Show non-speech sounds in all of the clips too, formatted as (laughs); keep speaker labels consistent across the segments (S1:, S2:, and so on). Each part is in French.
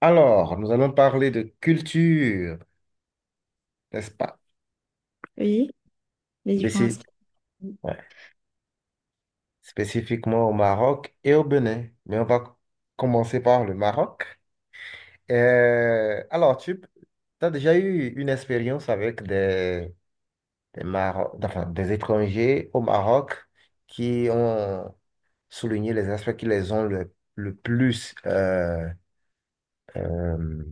S1: Alors, nous allons parler de culture, n'est-ce pas?
S2: Oui, les différents
S1: Spéci-
S2: aspects.
S1: ouais. Spécifiquement au Maroc et au Bénin. Mais on va commencer par le Maroc. Alors, tu as déjà eu une expérience avec enfin, des étrangers au Maroc qui ont souligné les aspects qui les ont le plus, euh,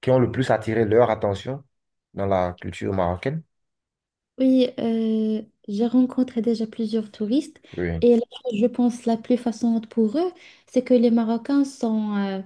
S1: qui ont le plus attiré leur attention dans la culture marocaine?
S2: Oui, j'ai rencontré déjà plusieurs touristes
S1: Oui,
S2: et la chose, je pense, la plus façonnante pour eux, c'est que les Marocains sont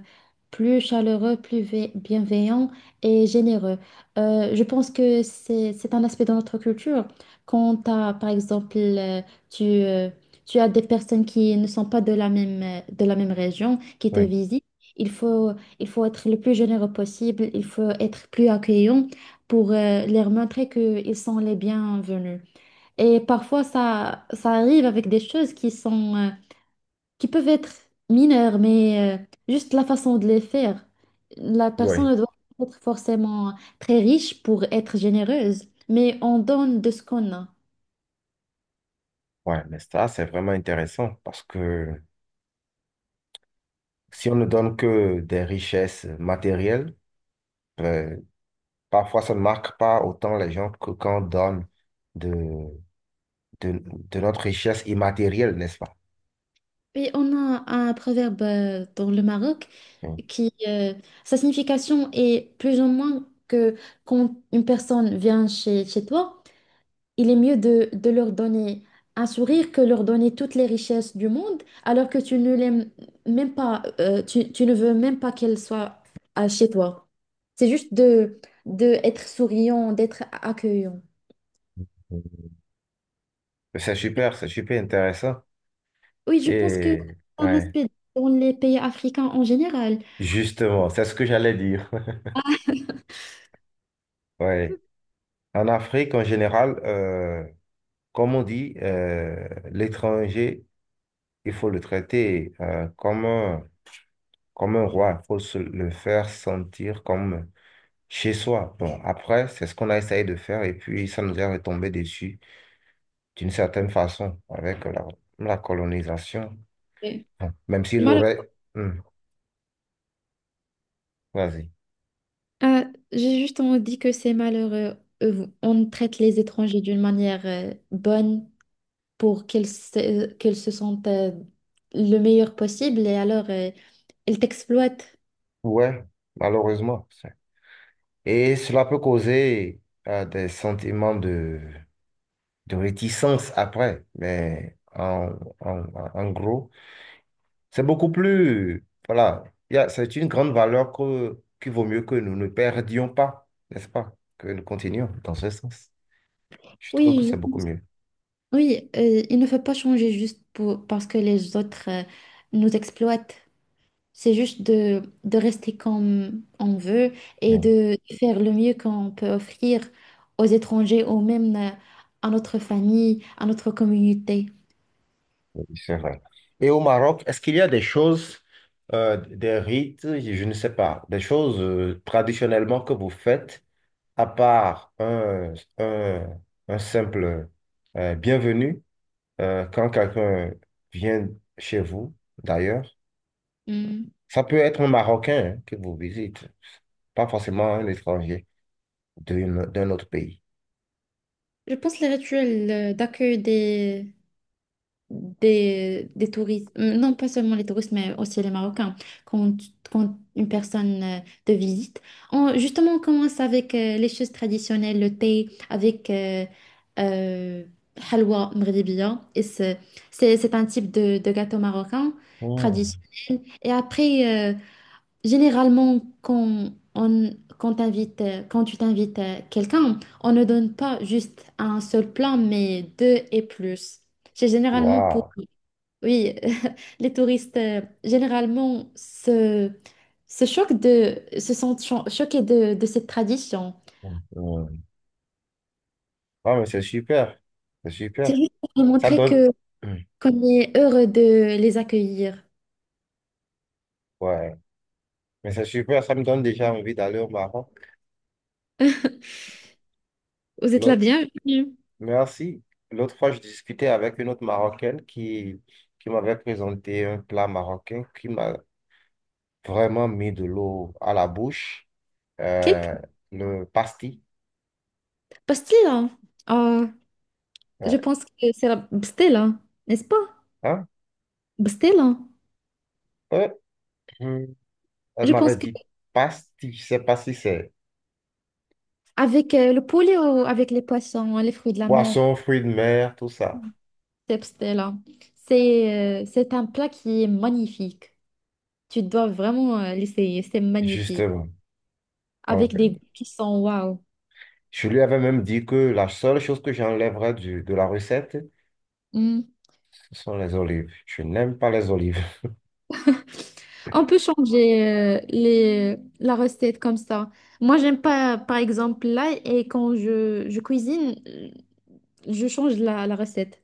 S2: plus chaleureux, bienveillants et généreux. Je pense que c'est un aspect de notre culture. Quand t'as, par exemple, tu, euh, tu as des personnes qui ne sont pas de la même, de la même région qui te
S1: oui,
S2: visitent, il faut, il faut être le plus généreux possible, il faut être plus accueillant, pour leur montrer qu'ils sont les bienvenus. Et parfois, ça arrive avec des choses qui sont, qui peuvent être mineures, mais juste la façon de les faire. La personne
S1: oui.
S2: ne doit pas être forcément très riche pour être généreuse, mais on donne de ce qu'on a.
S1: Ouais, mais ça, c'est vraiment intéressant parce que si on ne donne que des richesses matérielles, ben, parfois ça ne marque pas autant les gens que quand on donne de, de notre richesse immatérielle, n'est-ce pas?
S2: Et on a un proverbe dans le Maroc
S1: Mm.
S2: qui, sa signification est plus ou moins que quand une personne vient chez toi, il est mieux de leur donner un sourire que leur donner toutes les richesses du monde, alors que tu ne l'aimes même pas, tu ne veux même pas qu'elles soient chez toi. C'est juste de être souriant, d'être accueillant.
S1: C'est super intéressant.
S2: Oui, je pense que c'est
S1: Et
S2: un
S1: ouais,
S2: aspect dans les pays africains en général.
S1: justement, c'est ce que j'allais dire. (laughs) Ouais. En Afrique, en général, comme on dit, l'étranger, il faut le traiter comme un Comme un roi, il faut se le faire sentir comme chez soi. Bon, après, c'est ce qu'on a essayé de faire et puis ça nous est retombé dessus d'une certaine façon avec la colonisation.
S2: Oui.
S1: Bon, même
S2: C'est
S1: s'il
S2: malheureux.
S1: aurait... Hmm, vas-y.
S2: Euh, j'ai juste on dit que c'est malheureux. On traite les étrangers d'une manière bonne, pour qu'elles se sentent le meilleur possible et alors elles t'exploitent.
S1: Ouais, malheureusement. Et cela peut causer des sentiments de réticence après. Mais en gros... C'est beaucoup plus, voilà, c'est une grande valeur qu'il vaut mieux que nous ne perdions pas, n'est-ce pas? Que nous continuions dans ce sens. Je trouve que
S2: Oui,
S1: c'est beaucoup mieux.
S2: oui, il ne faut pas changer juste pour, parce que les autres nous exploitent. C'est juste de rester comme on veut et
S1: Oui,
S2: de faire le mieux qu'on peut offrir aux étrangers ou même à notre famille, à notre communauté.
S1: oui, c'est vrai. Et au Maroc, est-ce qu'il y a des choses, des rites, je ne sais pas, des choses traditionnellement que vous faites, à part un simple bienvenue quand quelqu'un vient chez vous, d'ailleurs?
S2: Hmm.
S1: Ça peut être un Marocain hein, que vous visite. Pas forcément un étranger d'un autre pays.
S2: Je pense les rituels d'accueil des, des touristes, non pas seulement les touristes, mais aussi les Marocains, quand, quand une personne te visite. Justement, on commence avec les choses traditionnelles, le thé, avec euh, halwa mghribiya. Et c'est un type de gâteau marocain
S1: Hmm.
S2: traditionnel. Et après, généralement, quand tu t'invites quelqu'un, on ne donne pas juste un seul plat, mais deux et plus. C'est généralement pour,
S1: Waouh.
S2: oui, (laughs) les touristes, généralement, se choquent de, se sentent choqués de cette tradition.
S1: Hmm, hmm. Ah, mais c'est super. C'est
S2: C'est
S1: super.
S2: juste pour leur
S1: Ça
S2: montrer
S1: donne.
S2: que,
S1: Hmm.
S2: qu'on est heureux de les accueillir.
S1: Ouais. Mais c'est super. Ça me donne déjà envie d'aller au Maroc.
S2: (laughs) Vous êtes la bienvenue.
S1: Merci. L'autre fois, je discutais avec une autre Marocaine qui m'avait présenté un plat marocain qui m'a vraiment mis de l'eau à la bouche,
S2: Quelle
S1: euh, le pastis.
S2: pastilla? Oh, je
S1: Ouais.
S2: pense que c'est la pastilla, n'est-ce pas?
S1: Hein?
S2: Bah, c'était lent.
S1: Euh, hum. Elle
S2: Je pense
S1: m'avait
S2: que
S1: dit pastis, je sais pas si c'est
S2: avec le poulet ou avec les poissons, hein, les fruits de la mer,
S1: poisson, fruits de mer, tout ça.
S2: c'est c'était c'est c'est un plat qui est magnifique. Tu dois vraiment l'essayer. C'est magnifique.
S1: Justement. Donc,
S2: Avec des goûts qui sont waouh.
S1: je lui avais même dit que la seule chose que j'enlèverais de la recette,
S2: Hmm.
S1: ce sont les olives. Je n'aime pas les olives.
S2: (laughs) On peut changer la recette comme ça. Moi, j'aime pas, par exemple, l'ail et quand je cuisine, je change la recette.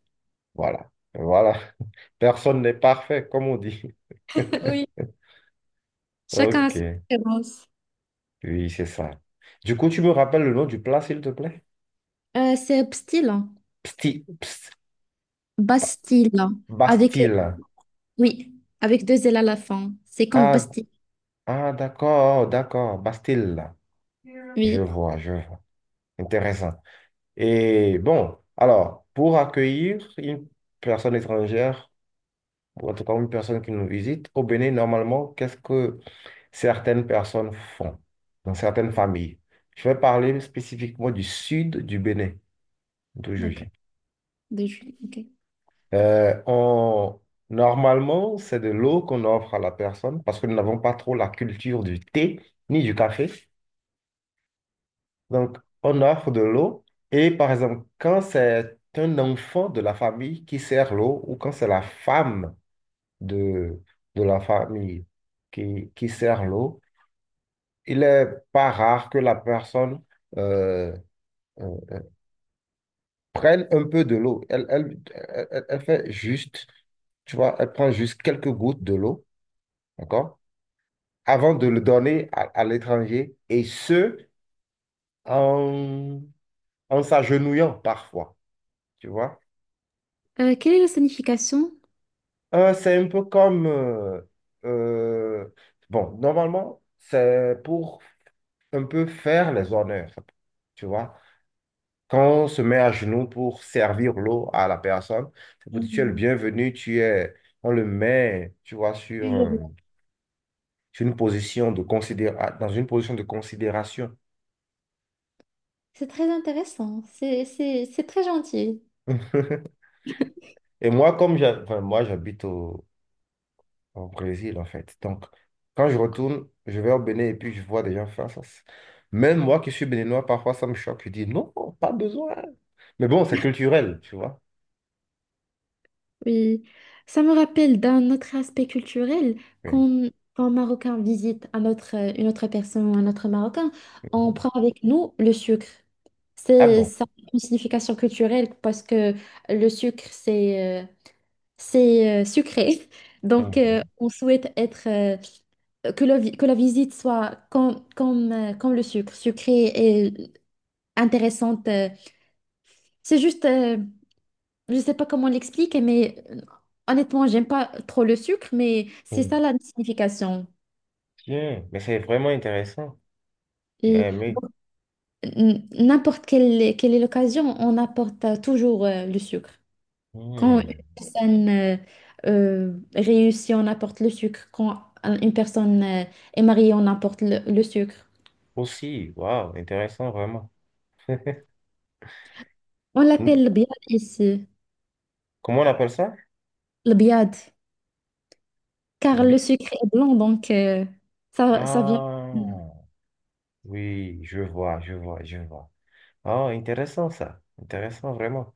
S1: Voilà. Voilà. (laughs) Personne n'est parfait, comme on dit.
S2: (laughs)
S1: (laughs)
S2: Oui. Chacun a ses
S1: Ok.
S2: préférences.
S1: Oui, c'est ça. Du coup, tu me rappelles le nom du plat, s'il te plaît?
S2: C'est style.
S1: Psti, pst-
S2: Bastille, avec,
S1: Bastille.
S2: oui, avec deux L à la fin. C'est comme
S1: Ah,
S2: Bastille.
S1: ah, d'accord, d'accord. Bastille. Je
S2: Oui,
S1: vois, je vois. Intéressant. Et bon, alors, pour accueillir une personne étrangère, ou en tout cas une personne qui nous visite, au Bénin, normalement, qu'est-ce que certaines personnes font dans certaines familles? Je vais parler spécifiquement du sud du Bénin, d'où je
S2: d'accord.
S1: viens.
S2: De Julie, ok.
S1: Euh, on- Normalement, c'est de l'eau qu'on offre à la personne parce que nous n'avons pas trop la culture du thé ni du café. Donc, on offre de l'eau et par exemple, quand c'est un enfant de la famille qui sert l'eau ou quand c'est la femme de, de la famille qui sert l'eau, il est pas rare que la personne euh, euh, prenne un peu de l'eau. Elle, elle fait juste, tu vois, elle prend juste quelques gouttes de l'eau, d'accord? Avant de le donner à l'étranger, et ce, en, en s'agenouillant parfois, tu vois.
S2: Quelle est la signification?
S1: C'est un peu comme, euh, bon, normalement, c'est pour un peu faire les honneurs, tu vois. Quand on se met à genoux pour servir l'eau à la personne, c'est pour dire tu es le bienvenu, tu es, on le met, tu vois, sur, sur une position de considéra dans une position de considération.
S2: C'est très intéressant. C'est très gentil.
S1: Et moi, enfin, moi, j'habite au Brésil, en fait. Donc, quand je retourne, je vais au Bénin et puis je vois des gens faire ça. C'est- même moi qui suis béninois, parfois ça me choque. Je dis non, pas besoin. Mais bon, c'est culturel, tu vois.
S2: Oui. Ça me rappelle d'un autre aspect culturel,
S1: Oui.
S2: quand, quand un Marocain visite un autre, une autre personne ou un autre Marocain, on
S1: Mhm.
S2: prend avec nous le sucre.
S1: Ah
S2: C'est
S1: bon.
S2: ça a une signification culturelle parce que le sucre, c'est sucré. (laughs) Donc,
S1: Mhm.
S2: on souhaite être, que la visite soit comme, comme le sucre, sucrée et intéressante. C'est juste, je ne sais pas comment l'expliquer, mais honnêtement, j'aime pas trop le sucre, mais c'est
S1: Mhm.
S2: ça la signification.
S1: Tiens, mais c'est vraiment intéressant. J'ai
S2: Et
S1: aimé.
S2: donc, quelle est l'occasion, on apporte toujours le sucre. Quand une
S1: Hmm.
S2: personne réussit, on apporte le sucre. Quand une personne est mariée, on apporte le sucre.
S1: Aussi, waouh, intéressant vraiment.
S2: On
S1: Hmm.
S2: l'appelle le biad ici,
S1: Comment on appelle ça?
S2: le biad,
S1: Le
S2: car le
S1: bi-
S2: sucre est blanc, donc ça vient.
S1: ah, oui, je vois, je vois, je vois. Ah, intéressant ça, intéressant vraiment.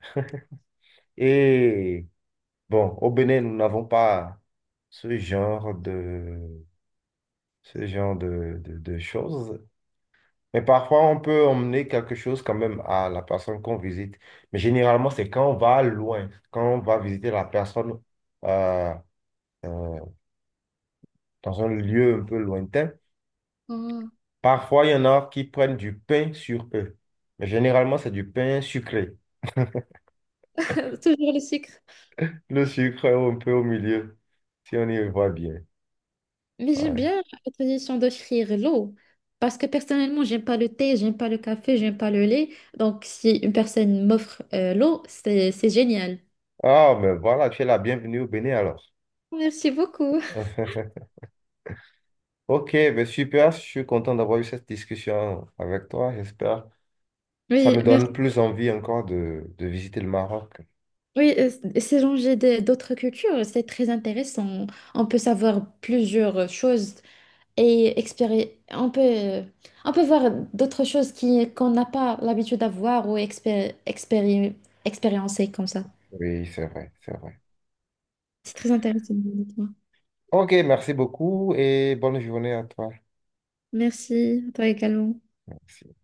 S1: (laughs) Et bon, au Bénin, nous n'avons pas ce genre de, ce genre de choses. Mais parfois, on peut emmener quelque chose quand même à la personne qu'on visite. Mais généralement, c'est quand on va loin, quand on va visiter la personne euh, euh, dans un lieu un peu lointain.
S2: Oh.
S1: Parfois, il y en a qui prennent du pain sur eux. Mais généralement, c'est du pain sucré.
S2: (laughs) Toujours le sucre.
S1: Le sucre est un peu au milieu, si on y voit bien.
S2: Mais j'aime
S1: Ouais.
S2: bien la tradition d'offrir l'eau, parce que personnellement, j'aime pas le thé, j'aime pas le café, j'aime pas le lait. Donc, si une personne m'offre l'eau, c'est génial.
S1: Ah, mais voilà, tu es la bienvenue au Bénin alors.
S2: Merci beaucoup.
S1: (laughs) Ok, ben super, je suis content d'avoir eu cette discussion avec toi, j'espère. Ça
S2: Oui,
S1: me donne
S2: merci.
S1: plus envie encore de visiter le Maroc.
S2: Oui, c'est changer d'autres cultures, c'est très intéressant. On peut savoir plusieurs choses et on peut, on peut voir d'autres choses qui qu'on n'a pas l'habitude d'avoir ou expériencer comme ça.
S1: Oui, c'est vrai, c'est vrai.
S2: C'est très intéressant, honnêtement.
S1: Ok, merci beaucoup et bonne journée à toi.
S2: Merci, à toi également.
S1: Merci.